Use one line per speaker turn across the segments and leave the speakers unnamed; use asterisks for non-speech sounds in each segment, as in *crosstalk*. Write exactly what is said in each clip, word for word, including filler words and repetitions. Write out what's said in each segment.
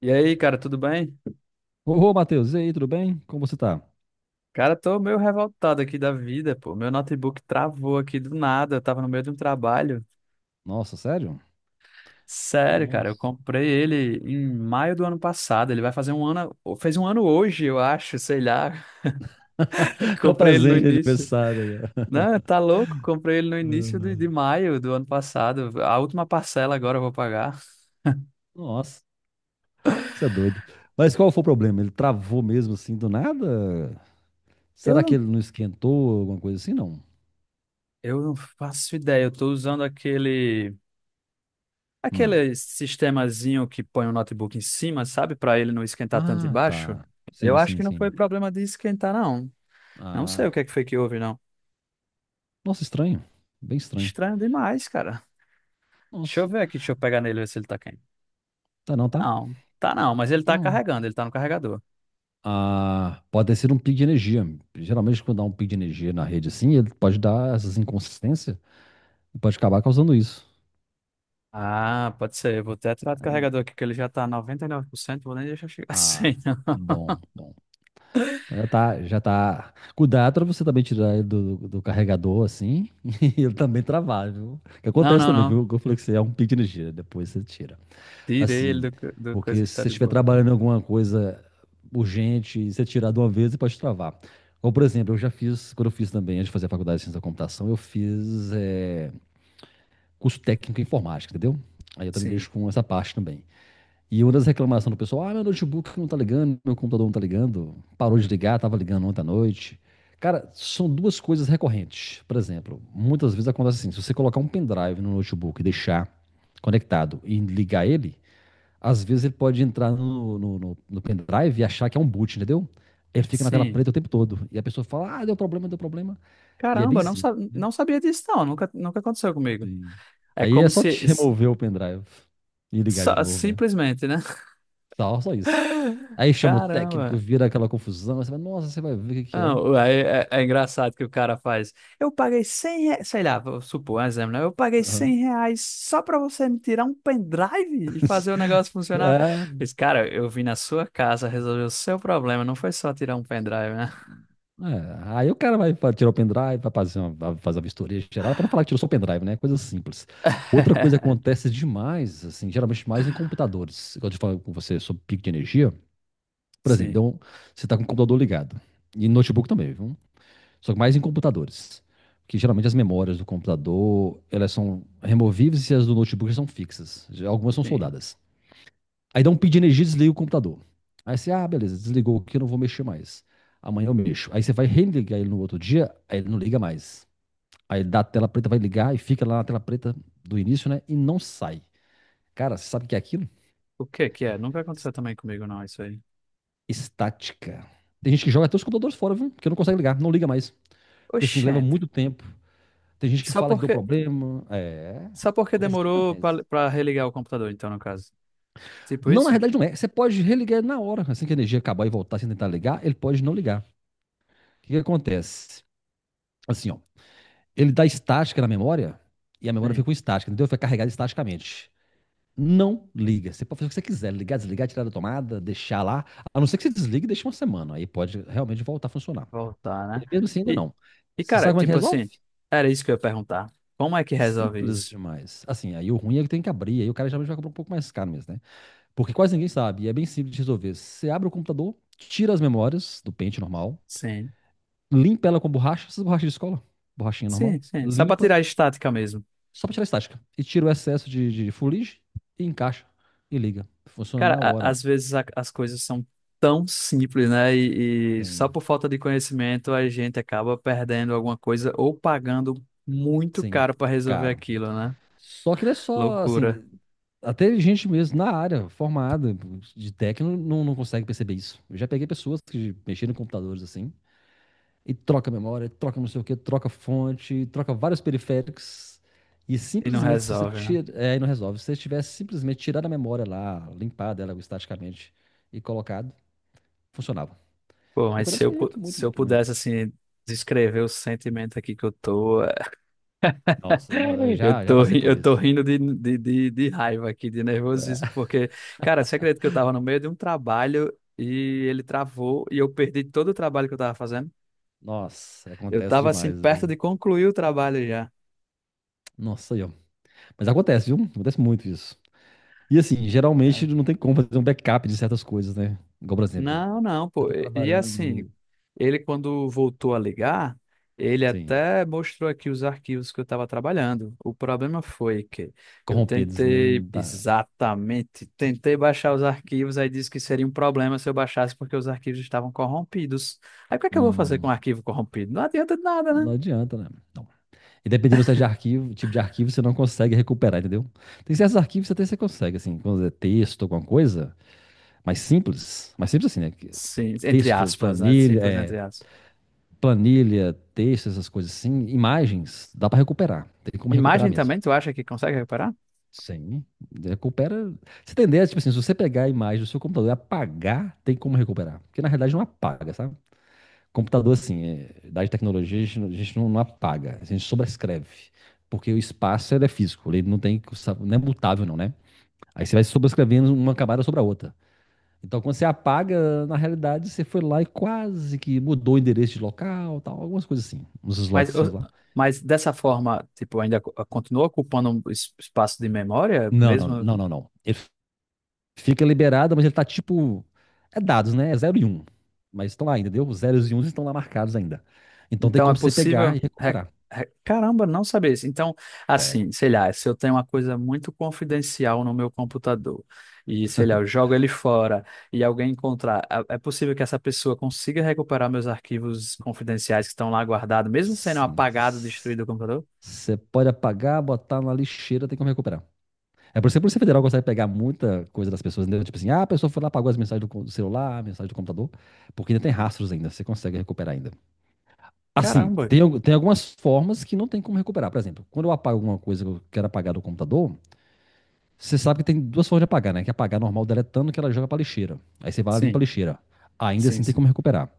E aí, cara, tudo bem?
Ô, Matheus, e aí, tudo bem? Como você tá?
Cara, tô meio revoltado aqui da vida, pô. Meu notebook travou aqui do nada, eu tava no meio de um trabalho.
Nossa, sério?
Sério, cara, eu
Nossa.
comprei ele em maio do ano passado. Ele vai fazer um ano, fez um ano hoje, eu acho, sei lá. *laughs*
*laughs* É o
Comprei ele no
presente de
início.
aniversário. aí, ó. *laughs*
Não, tá louco? Comprei ele no início de, de maio do ano passado. A última parcela agora eu vou pagar.
Nossa, isso é doido. Mas qual foi o problema? Ele travou mesmo assim do nada?
Eu
Será que
não,
ele não esquentou alguma coisa assim, não?
eu não faço ideia. Eu tô usando aquele.
Hum.
Aquele sistemazinho que põe o notebook em cima, sabe? Para ele não esquentar tanto
Ah,
embaixo.
tá.
Eu
Sim,
acho
sim,
que não foi
sim.
problema de esquentar, não. Não sei o
Ah.
que é que foi que houve, não.
Nossa, estranho. Bem estranho.
Estranho demais, cara. Deixa eu
Nossa.
ver aqui, deixa eu pegar nele e ver se ele tá quente.
Tá não, tá?
Não, tá não, mas ele tá
Hum.
carregando, ele tá no carregador.
Ah, pode ter sido um pico de energia. Geralmente, quando dá um pico de energia na rede assim, ele pode dar essas inconsistências e pode acabar causando isso.
Ah, pode ser. Eu vou até tirar do carregador aqui, que ele já tá noventa e nove por cento. Vou nem deixar chegar *laughs*
Ah,
sem, não.
bom, bom. Já tá, já tá. Cuidado pra você também tirar ele do, do carregador assim *laughs* e ele também travar, viu? Que
Não,
acontece
não,
também, viu?
não.
Que eu falei que você é um pico de energia, depois você tira.
Tirei ele
Assim,
do, co- do coisa
porque
que
se
tá
você
de
estiver
boa.
trabalhando em alguma coisa urgente e você tirar de uma vez, você pode travar. Ou, por exemplo, eu já fiz, quando eu fiz também, antes de fazer a faculdade de ciência da computação, eu fiz eh, curso técnico em informática, entendeu? Aí eu também
Sim,
mexo com essa parte também. E uma das reclamações do pessoal, ah, meu notebook não tá ligando, meu computador não tá ligando, parou de ligar, tava ligando ontem à noite. Cara, são duas coisas recorrentes. Por exemplo, muitas vezes acontece assim, se você colocar um pendrive no notebook e deixar conectado e ligar ele, às vezes ele pode entrar no, no, no- no pendrive e achar que é um boot, entendeu? Ele fica na tela
sim.
preta o tempo todo. E a pessoa fala, ah, deu problema, deu problema. E é bem
Caramba, não,
simples.
sa- não sabia disso, não. Nunca, nunca aconteceu comigo. É
Aí é
como
só
se.
te *laughs* remover o pendrive e ligar de
Só-
novo, né?
simplesmente, né? *laughs*
Tal só isso. Aí chama o técnico,
Caramba.
vira aquela confusão. aí você vai, nossa, você vai ver o que que é.
Não, é, é, é engraçado que o cara faz. Eu paguei cem reais, sei lá, vou supor um exemplo, né? Eu paguei
Aham.
cem reais só pra você me tirar um pendrive e fazer o
*laughs*
negócio funcionar.
É,
Mas, cara, eu vim na sua casa resolver o seu problema, não foi só tirar um pendrive, né?
é. Aí o cara vai fa- tirar o pendrive, vai fazer, uma, vai fazer a vistoria geral, para não falar que tirou só o pendrive, né? Coisa simples. Outra coisa que
*laughs*
acontece demais, assim, geralmente mais em computadores. Quando eu falo com você sobre pico de energia, por exemplo, deu
Sim,
um- você está com o computador ligado, e notebook também, viu? Só que mais em computadores. Que geralmente as memórias do computador, elas são removíveis e as do notebook são fixas. Já Algumas são
sim.
soldadas. Aí dá um pico de energia, desliga o computador. Aí você, ah, beleza, desligou aqui, eu não vou mexer mais. Amanhã eu mexo. Aí você vai religar ele no outro dia, aí ele não liga mais. Aí ele dá a tela preta, vai ligar e fica lá na tela preta do início, né? E não sai. Cara, você sabe o que é aquilo?
O que que é? Nunca aconteceu também comigo, não, isso aí.
Estática. Tem gente que joga até os computadores fora, viu? Porque não consegue ligar, não liga mais. Porque assim, leva
Oxente.
muito tempo. Tem gente que
Só
fala que deu
porque,
problema. É,
só porque
acontece
demorou
demais.
pra pra religar o computador, então, no caso. Tipo
Não, na
isso?
realidade não é. Você pode religar ele na hora. Assim que a energia acabar e voltar sem tentar ligar, ele pode não ligar. O que que acontece? Assim, ó. ele dá estática na memória e a memória fica
Sim.
com estática, entendeu? Fica carregada estaticamente. Não liga. Você pode fazer o que você quiser, ligar, desligar, tirar da tomada, deixar lá. A não ser que você desligue e deixe uma semana. Aí pode realmente voltar a funcionar.
Voltar, né?
E mesmo assim, ainda
E,
não.
e,
Você
cara,
sabe como é que
tipo
resolve?
assim, era isso que eu ia perguntar. Como é que resolve
Simples
isso?
demais. Assim, aí o ruim é que tem que abrir, aí o cara geralmente vai comprar um pouco mais caro mesmo, né? Porque quase ninguém sabe, e é bem simples de resolver. Você abre o computador, tira as memórias do pente normal,
Sim,
limpa ela com borracha, essas borrachas de escola, borrachinha normal,
sim, sim. Só pra
limpa,
tirar a estática mesmo.
Só para tirar a estática. E tira o excesso de, de fuligem e encaixa e liga. Funciona
Cara,
na
a-
hora.
às vezes a- as coisas são tão simples, né? E, e só
Sem,
por falta de conhecimento a gente acaba perdendo alguma coisa ou pagando muito
sem
caro pra resolver
caro.
aquilo, né?
Só que não é só,
Loucura.
assim, até gente mesmo na área, formada de técnico, não, não consegue perceber isso. Eu já peguei pessoas que mexeram em computadores assim, e troca memória, troca não sei o que, troca fonte, troca vários periféricos. E
E não
simplesmente, se você
resolve, né?
tira, é, aí não resolve. Se você tivesse simplesmente tirado a memória lá, limpado ela estaticamente e colocado, funcionava.
Pô,
E
mas se
acontece
eu, pu-
muito, muito,
se eu
muito,
pudesse,
muito.
assim, descrever o sentimento aqui que eu tô.
Nossa, não, eu
Eu
já, já
tô,
passei
ri-
por
eu tô
isso.
rindo de, de, de, de raiva aqui, de
Tá.
nervosismo, porque, cara, você acredita que eu tava no meio de um trabalho e ele travou e eu perdi todo o trabalho que eu tava fazendo?
Nossa,
Eu
acontece
tava, assim,
demais,
perto
viu?
de concluir o trabalho já.
Nossa, aí, ó. Mas acontece, viu? Acontece muito isso. E assim, geralmente
Cara.
não tem como fazer um backup de certas coisas, né? Igual, por exemplo,
Não, não,
eu
pô.
tô
E, e, assim,
trabalhando,
Ele, quando voltou a ligar, ele
Sim.
até mostrou aqui os arquivos que eu estava trabalhando. O problema foi que eu
corrompidos, né? Não
tentei,
dá.
exatamente, tentei baixar os arquivos, aí disse que seria um problema se eu baixasse porque os arquivos estavam corrompidos. Aí o que é que eu vou fazer com um
Hum,
arquivo corrompido? Não adianta de nada, né?
não adianta, né? Não. E dependendo do tipo de arquivo, tipo de arquivo, você não consegue recuperar, entendeu? Tem certos arquivos que até você consegue, assim, quando é texto, alguma coisa, mais simples, mais simples assim, né? que-
Sim, entre
Texto,
aspas, né?
planilha,
Simples
é,
entre aspas.
planilha, texto, essas coisas assim, imagens, dá pra recuperar. Tem como recuperar
Imagem
mesmo.
também, tu acha que consegue recuperar?
Sim, recupera. Se tem ideia, tipo assim, se você pegar a imagem do seu computador e apagar, tem como recuperar. Porque na realidade não apaga, sabe? Computador, assim, é, idade tecnologia, a gente, não- a gente não, não apaga, a gente sobrescreve. Porque o espaço ele é físico, ele não tem, não é mutável, não, né? Aí você vai sobrescrevendo uma camada sobre a outra. Então, quando você apaga, na realidade, você foi lá e quase que mudou o endereço de local, tal, algumas coisas assim, uns
Mas,
slots
eu-
lá.
mas dessa forma, tipo, ainda co- continua ocupando um es- espaço de memória,
Não, não,
mesmo.
não, não, não. Ele fica liberado, mas ele tá tipo. É dados, né? É zero e um. Mas estão lá ainda, entendeu? Os zeros e uns estão lá marcados ainda. Então tem
Então é
como você pegar
possível.
e
re-
recuperar.
re- Caramba, não sabia isso. Então,
Sério.
assim, sei lá, se eu tenho uma coisa muito confidencial no meu computador e, sei lá, eu jogo ele fora e alguém encontrar, é é possível que essa pessoa consiga recuperar meus arquivos confidenciais que estão lá guardados, mesmo sendo
Sim.
apagado, destruído o computador?
Você pode apagar, botar na lixeira, tem como recuperar. É por isso que a Polícia Federal consegue pegar muita coisa das pessoas, entendeu? Tipo assim, ah, a pessoa foi lá, apagou as mensagens do co- do celular, a mensagem do computador, porque ainda tem rastros ainda, você consegue recuperar ainda. Assim,
Caramba.
tem, al- tem algumas formas que não tem como recuperar. Por exemplo, quando eu apago alguma coisa que eu quero apagar do computador, Você sabe que tem duas formas de apagar, né? Que é apagar normal deletando, que ela joga pra lixeira. Aí você vai lá e limpa a
Sim,
lixeira. Ainda
sim,
assim tem
sim.
como recuperar.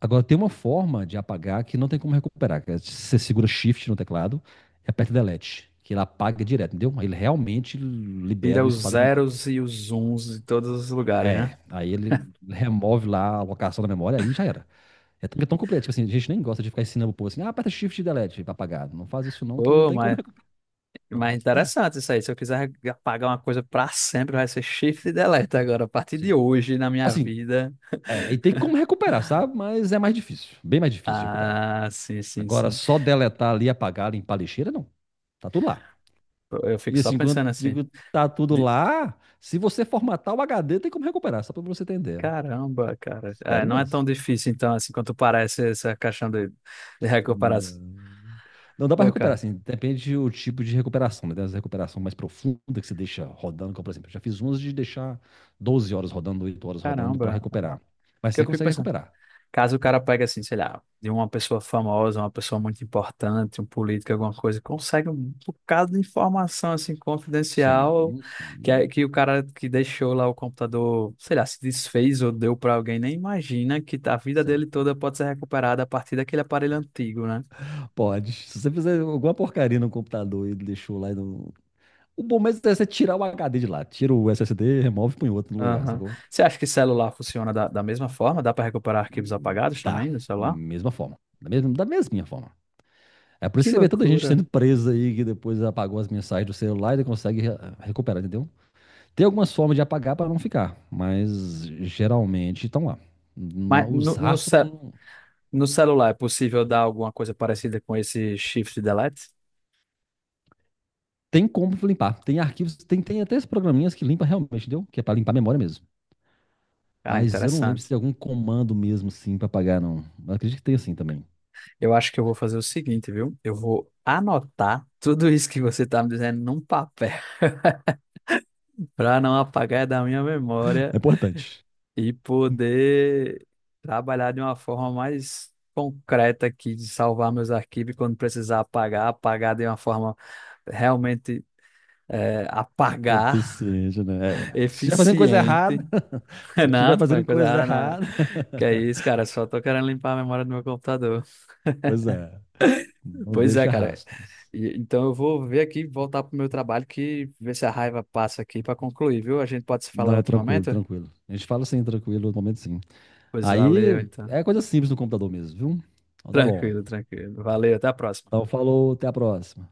Agora, tem uma forma de apagar que não tem como recuperar. Que é você segura Shift no teclado e aperta Delete. Que ele apaga direto, entendeu? Aí Ele realmente libera
Tira
o
os
espaço da memória.
zeros e os uns de todos os lugares, né?
É, aí ele remove lá a alocação da memória, aí já era. É tão, é tão completo. Tipo assim, a gente nem gosta de ficar ensinando o povo assim, ah, aperta Shift e Delete pra apagar. Não faz isso não, que não
Pô,
tem como
mas
recuperar.
Mas é interessante isso aí. Se eu quiser apagar uma coisa pra sempre, vai ser shift e delete agora. A partir de
Sim.
hoje, na minha
Assim,
vida.
é, e tem como recuperar, sabe? Mas é mais difícil. Bem mais difícil de recuperar.
Ah, sim, sim,
Agora,
sim.
só deletar ali, apagar, limpar a lixeira, não. Tá tudo lá.
Eu, eu fico
E
só
assim, quando eu
pensando assim.
digo tá tudo
de-
lá, se você formatar o H D, tem como recuperar, só pra você entender.
Caramba, cara. É,
Sério
não é
mesmo.
tão difícil, então, assim, quanto parece essa questão de, de recuperação.
Não, não dá pra
Pô,
recuperar,
cara,
assim, depende do tipo de recuperação, né? Tem as recuperações mais profundas que você deixa rodando, como por exemplo, eu já fiz umas de deixar doze horas rodando, oito horas rodando pra
caramba.
recuperar. Mas
Porque eu
você
fico
consegue
pensando.
recuperar.
Caso o cara pegue assim, sei lá, de uma pessoa famosa, uma pessoa muito importante, um político, alguma coisa, consegue um bocado de informação assim confidencial
Sim,
que, é-
sim,
que o cara que deixou lá o computador, sei lá, se desfez ou deu para alguém, nem imagina que a vida
sim.
dele toda pode ser recuperada a partir daquele aparelho antigo, né?
Pode. Se você fizer alguma porcaria no computador e deixou lá e não, O bom mesmo é você tirar o H D de lá. Tira o S S D, remove e põe outro no lugar,
Aham.
sacou?
Você acha que celular funciona da, da mesma forma? Dá para recuperar arquivos
Hum,
apagados
Tá.
também no celular?
Mesma forma. Da mesma, da mesminha forma. É por isso
Que
que você vê tanta gente
loucura.
sendo presa aí que depois apagou as mensagens do celular e consegue re- recuperar, entendeu? Tem algumas formas de apagar para não ficar, mas geralmente estão lá. Ma-
Mas
Os
no, no,
rastros
ce-
não-
no celular é possível dar alguma coisa parecida com esse shift delete?
tem como limpar. Tem arquivos, tem, tem até esses programinhas que limpa realmente, entendeu? Que é para limpar a memória mesmo.
Cara,
Mas eu não lembro se
interessante.
tem algum comando mesmo sim para apagar, não. Mas acredito que tem assim também.
Eu acho que eu vou fazer o seguinte, viu? Eu vou anotar tudo isso que você tá me dizendo num papel *laughs* para não apagar da minha memória
É importante.
e poder trabalhar de uma forma mais concreta aqui de salvar meus arquivos e quando precisar apagar, apagar de uma forma realmente é,
É
apagar,
Eficiente, né?
*laughs*
É. Se estiver fazendo coisa
eficiente.
errada, *laughs*
*laughs*
se
Não,
estiver
tô
fazendo
falando coisa
coisa
errada, não.
errada, *laughs*
Que é isso, cara? Só tô querendo limpar a memória do meu computador.
pois é, não
Pois é,
deixa
cara.
rastros.
E- Então eu vou ver aqui, voltar pro meu trabalho, que ver se a raiva passa aqui para concluir, viu? A gente pode se falar em
Não,
outro
tranquilo,
momento?
tranquilo. A gente fala assim, tranquilo, no momento sim.
Pois valeu,
Aí
então.
é coisa simples no computador mesmo, viu? Então tá bom.
Tranquilo, tranquilo. Valeu, até a próxima.
Então falou, até a próxima.